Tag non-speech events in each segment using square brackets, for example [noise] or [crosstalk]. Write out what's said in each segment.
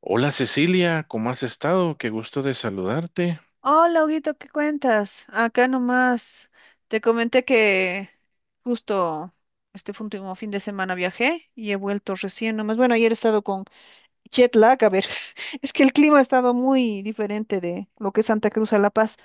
Hola Cecilia, ¿cómo has estado? Qué gusto de saludarte. Hola, Huguito, ¿qué cuentas? Acá nomás te comenté que justo fue último fin de semana viajé y he vuelto recién nomás. Bueno, ayer he estado con jet lag, a ver, [laughs] es que el clima ha estado muy diferente de lo que es Santa Cruz a La Paz.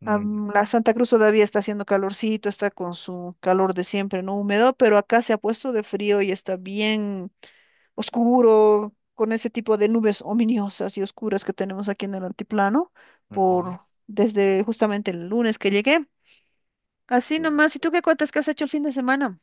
Mm, La Santa Cruz todavía está haciendo calorcito, está con su calor de siempre, no húmedo, pero acá se ha puesto de frío y está bien oscuro, con ese tipo de nubes ominosas y oscuras que tenemos aquí en el antiplano, ujú, por desde justamente el lunes que llegué. Así claro. nomás, ¿y tú qué cuentas que has hecho el fin de semana?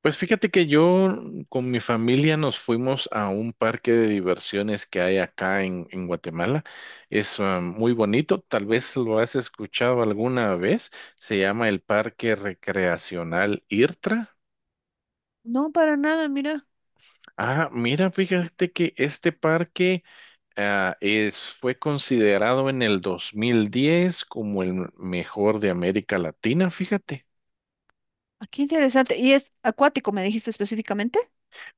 Pues fíjate que yo con mi familia nos fuimos a un parque de diversiones que hay acá en Guatemala. Es muy bonito, tal vez lo has escuchado alguna vez. Se llama el Parque Recreacional IRTRA. No, para nada, mira. Ah, mira, fíjate que este parque fue considerado en el 2010 como el mejor de América Latina, fíjate. Ah, qué interesante. ¿Y es acuático, me dijiste específicamente?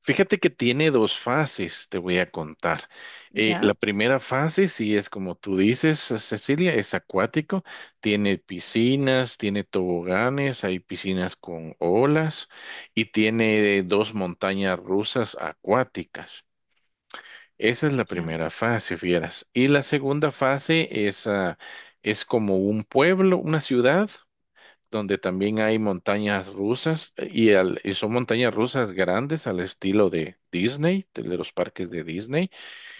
Fíjate que tiene dos fases, te voy a contar. Ya, La primera fase, sí es como tú dices, Cecilia, es acuático, tiene piscinas, tiene toboganes, hay piscinas con olas y tiene dos montañas rusas acuáticas. Esa es la ya, primera fase, fieras. Y la segunda fase es como un pueblo, una ciudad donde también hay montañas rusas y son montañas rusas grandes al estilo de Disney, de los parques de Disney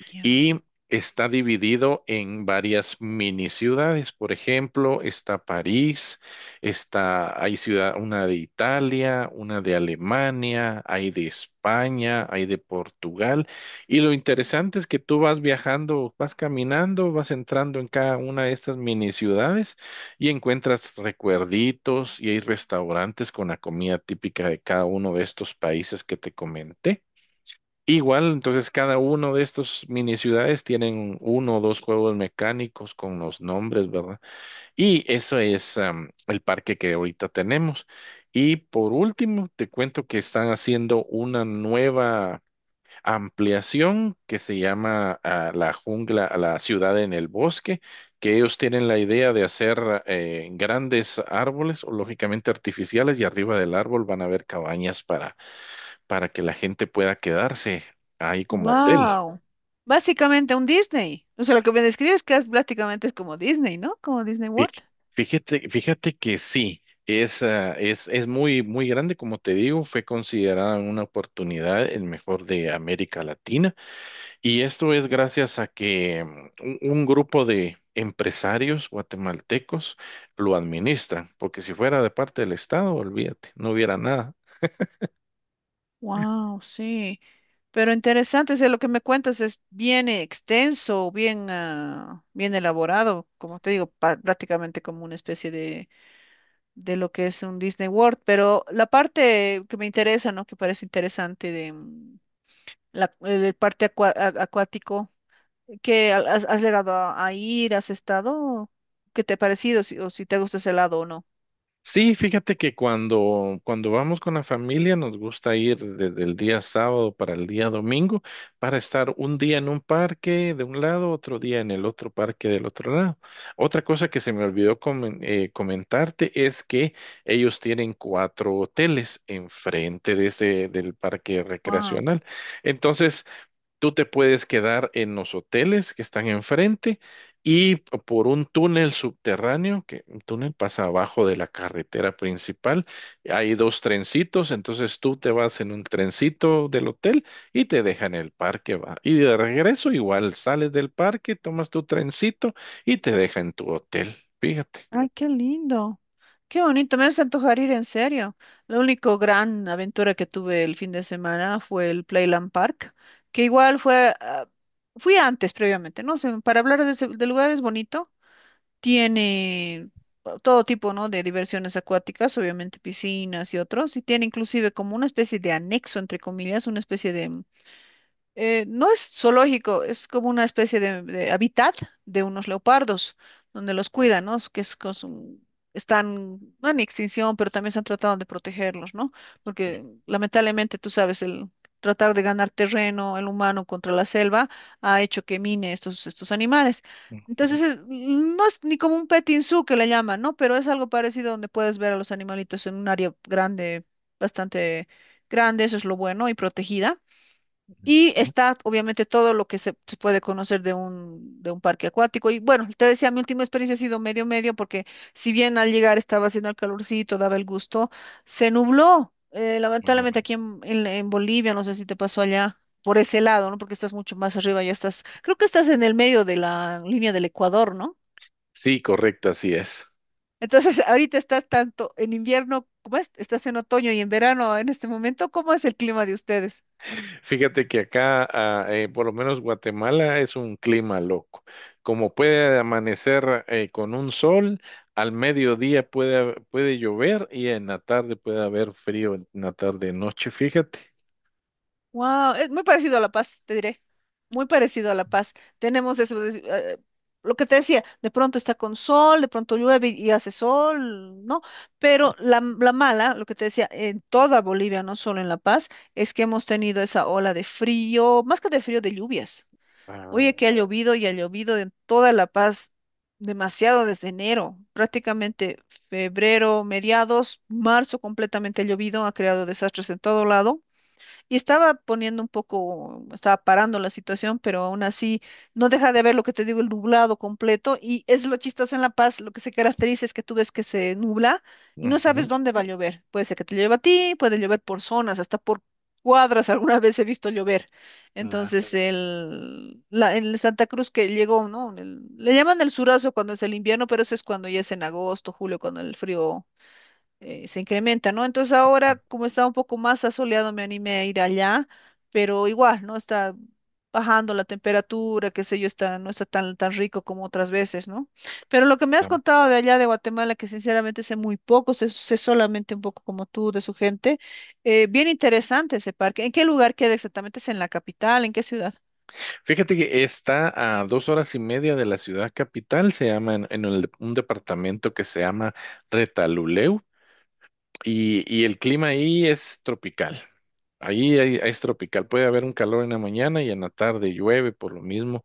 ya. y está dividido en varias mini ciudades. Por ejemplo, está París, una de Italia, una de Alemania, hay de España, hay de Portugal. Y lo interesante es que tú vas viajando, vas caminando, vas entrando en cada una de estas mini ciudades y encuentras recuerditos y hay restaurantes con la comida típica de cada uno de estos países que te comenté. Igual, entonces cada uno de estos mini ciudades tienen uno o dos juegos mecánicos con los nombres, ¿verdad? Y eso es el parque que ahorita tenemos. Y por último, te cuento que están haciendo una nueva ampliación que se llama la jungla, la ciudad en el bosque, que ellos tienen la idea de hacer grandes árboles, o lógicamente artificiales, y arriba del árbol van a haber cabañas para que la gente pueda quedarse ahí como hotel. Wow. Básicamente un Disney. O sea, lo que me describes que es prácticamente es como Disney, ¿no? Como Disney Fí- World. fíjate que sí, es muy, muy grande, como te digo, fue considerada una oportunidad, el mejor de América Latina, y esto es gracias a que un grupo de empresarios guatemaltecos lo administran, porque si fuera de parte del Estado, olvídate, no hubiera nada. Wow, sí. Pero interesante, o sea, lo que me cuentas es bien extenso, bien, ah, bien elaborado, como te digo, pa- prácticamente como una especie de lo que es un Disney World. Pero la parte que me interesa, ¿no? Que parece interesante de la, el parte acua- a- acuático, que ha- has, has llegado a ir, has estado, ¿qué te ha parecido? Si- o si te gusta ese lado o no. Sí, fíjate que cuando vamos con la familia nos gusta ir desde el día sábado para el día domingo para estar un día en un parque de un lado, otro día en el otro parque del otro lado. Otra cosa que se me olvidó comentarte es que ellos tienen cuatro hoteles enfrente de del parque Wow. recreacional. Entonces, tú te puedes quedar en los hoteles que están enfrente y por un túnel subterráneo, que un túnel pasa abajo de la carretera principal. Hay dos trencitos, entonces tú te vas en un trencito del hotel y te dejan en el parque, va. Y de regreso igual sales del parque, tomas tu trencito y te deja en tu hotel. Fíjate. Ay, qué lindo. Qué bonito, me hace antojar ir en serio. La única gran aventura que tuve el fin de semana fue el Playland Park, que igual fue, ah, fui antes previamente, no sé, para hablar de, ese- del lugar es bonito, tiene todo tipo, ¿no? de diversiones acuáticas, obviamente piscinas y otros, y tiene inclusive como una especie de anexo, entre comillas, una especie de no es zoológico, es como una especie de hábitat de unos leopardos, donde los cuidan, ¿no? Que es, cos- un- están, no en extinción, pero también se han tratado de protegerlos, ¿no? Sí, Porque lamentablemente, tú sabes, el tratar de ganar terreno, el humano contra la selva, ha hecho que mine estos, estos animales. ujú. Entonces, es- no es ni como un petting zoo que le llaman, ¿no? Pero es algo parecido donde puedes ver a los animalitos en un área grande, bastante grande, eso es lo bueno, y protegida. Y está obviamente todo lo que se puede conocer de un parque acuático. Y bueno, te decía, mi última experiencia ha sido medio medio porque si bien al llegar estaba haciendo el calorcito, daba el gusto, se nubló. Lamentablemente Ujú. aquí en Bolivia, no sé si te pasó allá por ese lado, ¿no? Porque estás mucho más arriba, ya estás, creo que estás en el medio de la línea del Ecuador, ¿no? Sí, correcto, así es. Entonces, [laughs] ahorita estás tanto en invierno, ¿cómo es? Estás en otoño y en verano en este momento. ¿Cómo es el clima de ustedes? Fíjate que por lo menos Guatemala, es un clima loco. Como puede amanecer con un sol, al mediodía puede llover y en la tarde puede haber frío, en la tarde, noche, fíjate. Wow, es muy parecido a La Paz, te diré. Muy parecido a La Paz. Tenemos eso, de- lo que te decía, de pronto está con sol, de pronto llueve y hace sol, ¿no? Pero la mala, lo que te decía, en toda Bolivia, no solo en La Paz, es que hemos tenido esa ola de frío, más que de frío, de lluvias. Ah, Oye, que ha llovido y ha llovido en toda La Paz demasiado desde enero, prácticamente febrero, mediados, marzo completamente ha llovido, ha creado desastres en todo lado y estaba poniendo un poco, estaba parando la situación, pero aún así no deja de ver lo que te digo, el nublado completo, y es lo chistoso en La Paz, lo que se caracteriza es que tú ves que se nubla y no ujú, sabes dónde va a llover. Puede ser que te llueva a ti, puede llover por zonas, hasta por cuadras, [laughs] alguna vez he visto llover. claro. Entonces, el, la, en el Santa Cruz que llegó, ¿no? El- le llaman el surazo cuando es el invierno, pero eso es cuando ya es en agosto, julio, cuando el frío se incrementa, ¿no? Entonces ahora, como está un poco más asoleado, me animé a ir allá, pero igual, ¿no? Está bajando la temperatura, qué sé yo, está, no está tan, tan rico como otras veces, ¿no? Pero lo que me has Ah. contado de allá de Guatemala, que sinceramente sé muy poco, sé, sé solamente un poco como tú de su gente, bien interesante ese parque. ¿En qué lugar queda exactamente? ¿Es en la capital? ¿En qué ciudad? Fíjate que está a dos horas y media de la ciudad capital, se llama un departamento que se llama Retaluleu y el clima ahí es tropical. Es tropical, puede haber un calor en la mañana y en la tarde llueve por lo mismo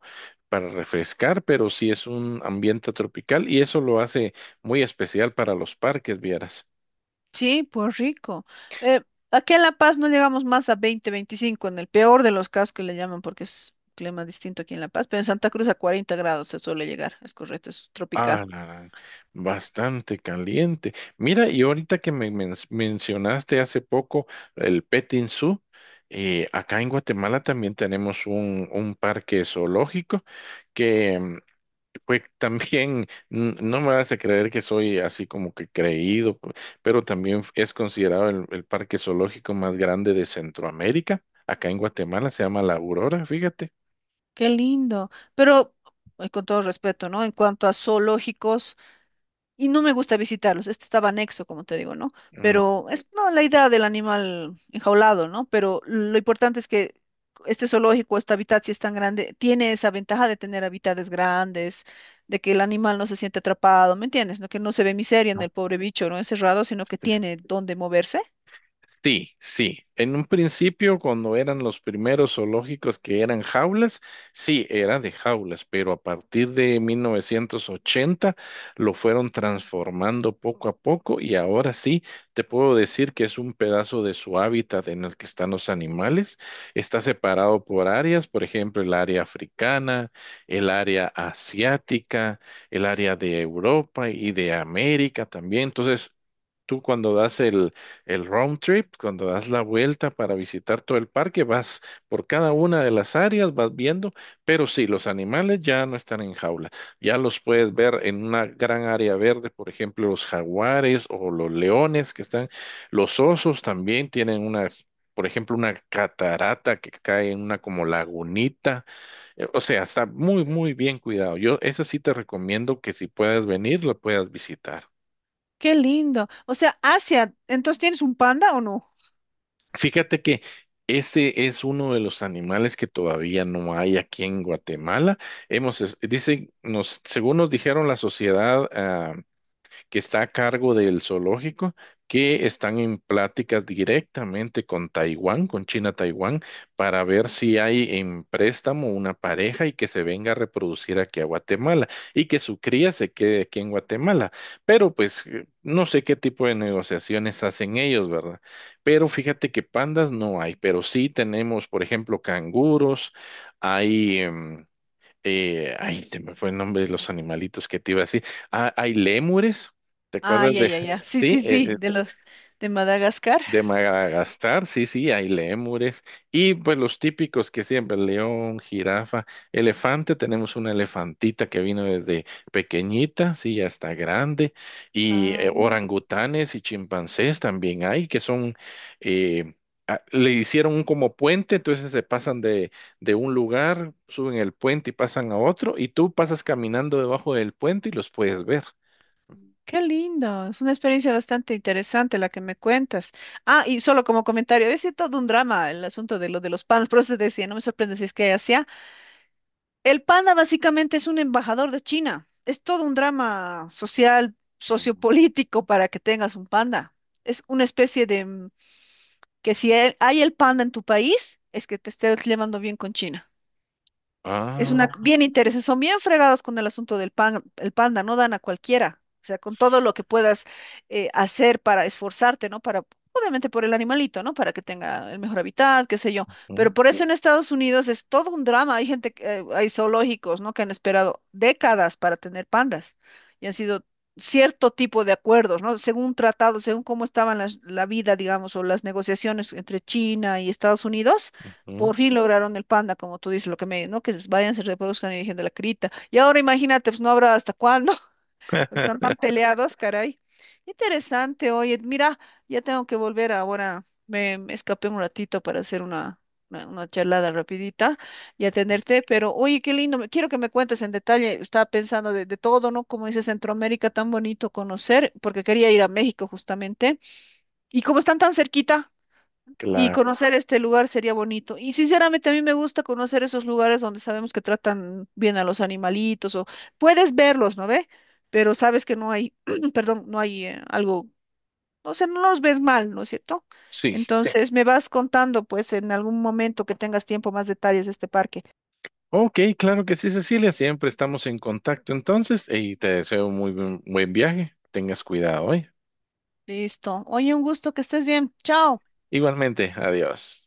para refrescar, pero sí es un ambiente tropical y eso lo hace muy especial para los parques, vieras. Sí, pues rico. Eh, aquí en La Paz no llegamos más a 20, 25 en el peor de los casos que le llaman, porque es un clima distinto aquí en La Paz, pero en Santa Cruz a 40 grados se suele llegar, es correcto, es Ah, tropical. la gran, bastante caliente. Mira, y ahorita que me mencionaste hace poco el Petting Zoo, acá en Guatemala también tenemos un parque zoológico. Pues [laughs] también no me hace creer que soy así como que creído, pero también es considerado el parque zoológico más grande de Centroamérica. Acá en Guatemala se llama La Aurora, fíjate. Qué lindo. Pero, con todo respeto, ¿no? En cuanto a zoológicos, y no me gusta visitarlos, este estaba anexo, como te digo, ¿no? Ujú. Pero es, no, la idea del animal enjaulado, ¿no? Pero lo importante es que este zoológico, este hábitat, si es tan grande, tiene esa ventaja de tener hábitats grandes de que el animal no se siente atrapado, ¿me entiendes? No que no se ve miseria en el pobre bicho, ¿no? Encerrado, sino que tiene dónde moverse. Sí, sí. En un principio, cuando eran los primeros zoológicos que eran jaulas, sí, era de jaulas, pero a partir de 1980 lo fueron transformando poco a poco y ahora sí te puedo decir que es un pedazo de su hábitat en el que están los animales. Está separado por áreas, por ejemplo, el área africana, el área asiática, el área de Europa y de América también. Entonces, tú cuando das el round trip, cuando das la vuelta para visitar todo el parque, vas por cada una de las áreas, vas viendo, pero sí, los animales ya no están en jaula. Ya los puedes ver en una gran área verde, por ejemplo, los jaguares o los leones que están. Los osos también tienen una, por ejemplo, una catarata que cae en una como lagunita. O sea, está muy, muy bien cuidado. Yo, esa sí te recomiendo que si puedes venir, lo puedas visitar. Qué lindo. O sea, Asia, entonces ¿tienes un panda o no? Fíjate que ese es uno de los animales que todavía no hay aquí en Guatemala. Hemos, es- dicen, nos, según nos dijeron la sociedad que está a cargo del zoológico, que están en pláticas directamente con Taiwán, con China-Taiwán, para ver si hay en préstamo una pareja y que se venga a reproducir aquí a Guatemala y que su cría se quede aquí en Guatemala. Pero pues no sé qué tipo de negociaciones hacen ellos, ¿verdad? Pero fíjate que pandas no hay, pero sí tenemos, por ejemplo, canguros, hay... ay, se me fue el nombre de los animalitos que te iba a decir. Ah, hay lémures, ¿te acuerdas Ay, de? ay, [laughs] ay, ya. Sí, Sí, sí, sí, de los de Madagascar. de Madagascar, sí, sí, hay lémures. Y pues los típicos que siempre, león, jirafa, elefante, tenemos una elefantita que vino desde pequeñita, sí, ya está grande. Y Ay, orangutanes y chimpancés también hay, que son, eh, le hicieron un como puente, entonces se pasan de un lugar, suben el puente y pasan a otro, y tú pasas caminando debajo del puente y los puedes ver. qué lindo, es una experiencia bastante interesante la que me cuentas. Ah, y solo como comentario, es todo un drama el asunto de lo de los panas, [laughs] por eso te decía, no me sorprende si es que hay Asia. El panda básicamente es un embajador de China, es todo un drama social, sociopolítico para que tengas un panda. Es una especie de que si el- hay el panda en tu país, es que te estés llevando bien con China. Es una Ah, bien interesante, son bien fregados con el asunto del pan, el panda, no dan a cualquiera. O sea, con todo lo que puedas hacer para esforzarte, ¿no? Para, obviamente por el animalito, ¿no? Para que tenga el mejor hábitat, qué sé yo. ujú, Pero por eso en Estados Unidos es todo un drama. Hay gente, que- hay zoológicos, ¿no? Que han esperado décadas para tener pandas y han sido cierto tipo de acuerdos, ¿no? Según tratados, según cómo estaban las, la vida, digamos, o las negociaciones entre China y Estados Unidos ujú. por fin lograron el panda, como tú dices, lo que me, ¿no? Que vayan, se reproduzcan y dejen de la crita. Y ahora imagínate, pues no habrá hasta cuándo, [laughs] porque están tan [laughs] peleados, caray. Interesante, oye, mira, ya tengo que volver ahora, me escapé un ratito para hacer una charlada rapidita y atenderte, pero oye, qué lindo, me- quiero que me cuentes en detalle, estaba pensando de todo, ¿no? Como dice Centroamérica, tan bonito conocer, porque quería ir a México justamente, y como están tan cerquita. Y Claro, conocer este lugar sería bonito. Y sinceramente a mí me gusta conocer esos lugares donde sabemos que tratan bien a los animalitos o puedes verlos, ¿no ve? Pero sabes que no hay, [clears throat] perdón, no hay algo, o sea, no los ves mal, ¿no es cierto? Sí. sí. Entonces me vas contando pues en algún momento que tengas tiempo más detalles de este parque. Ok, claro que sí, Cecilia, siempre estamos en contacto entonces y te deseo un muy buen viaje. Tengas cuidado hoy. Listo. Oye, un gusto que estés bien. Chao. Igualmente, adiós.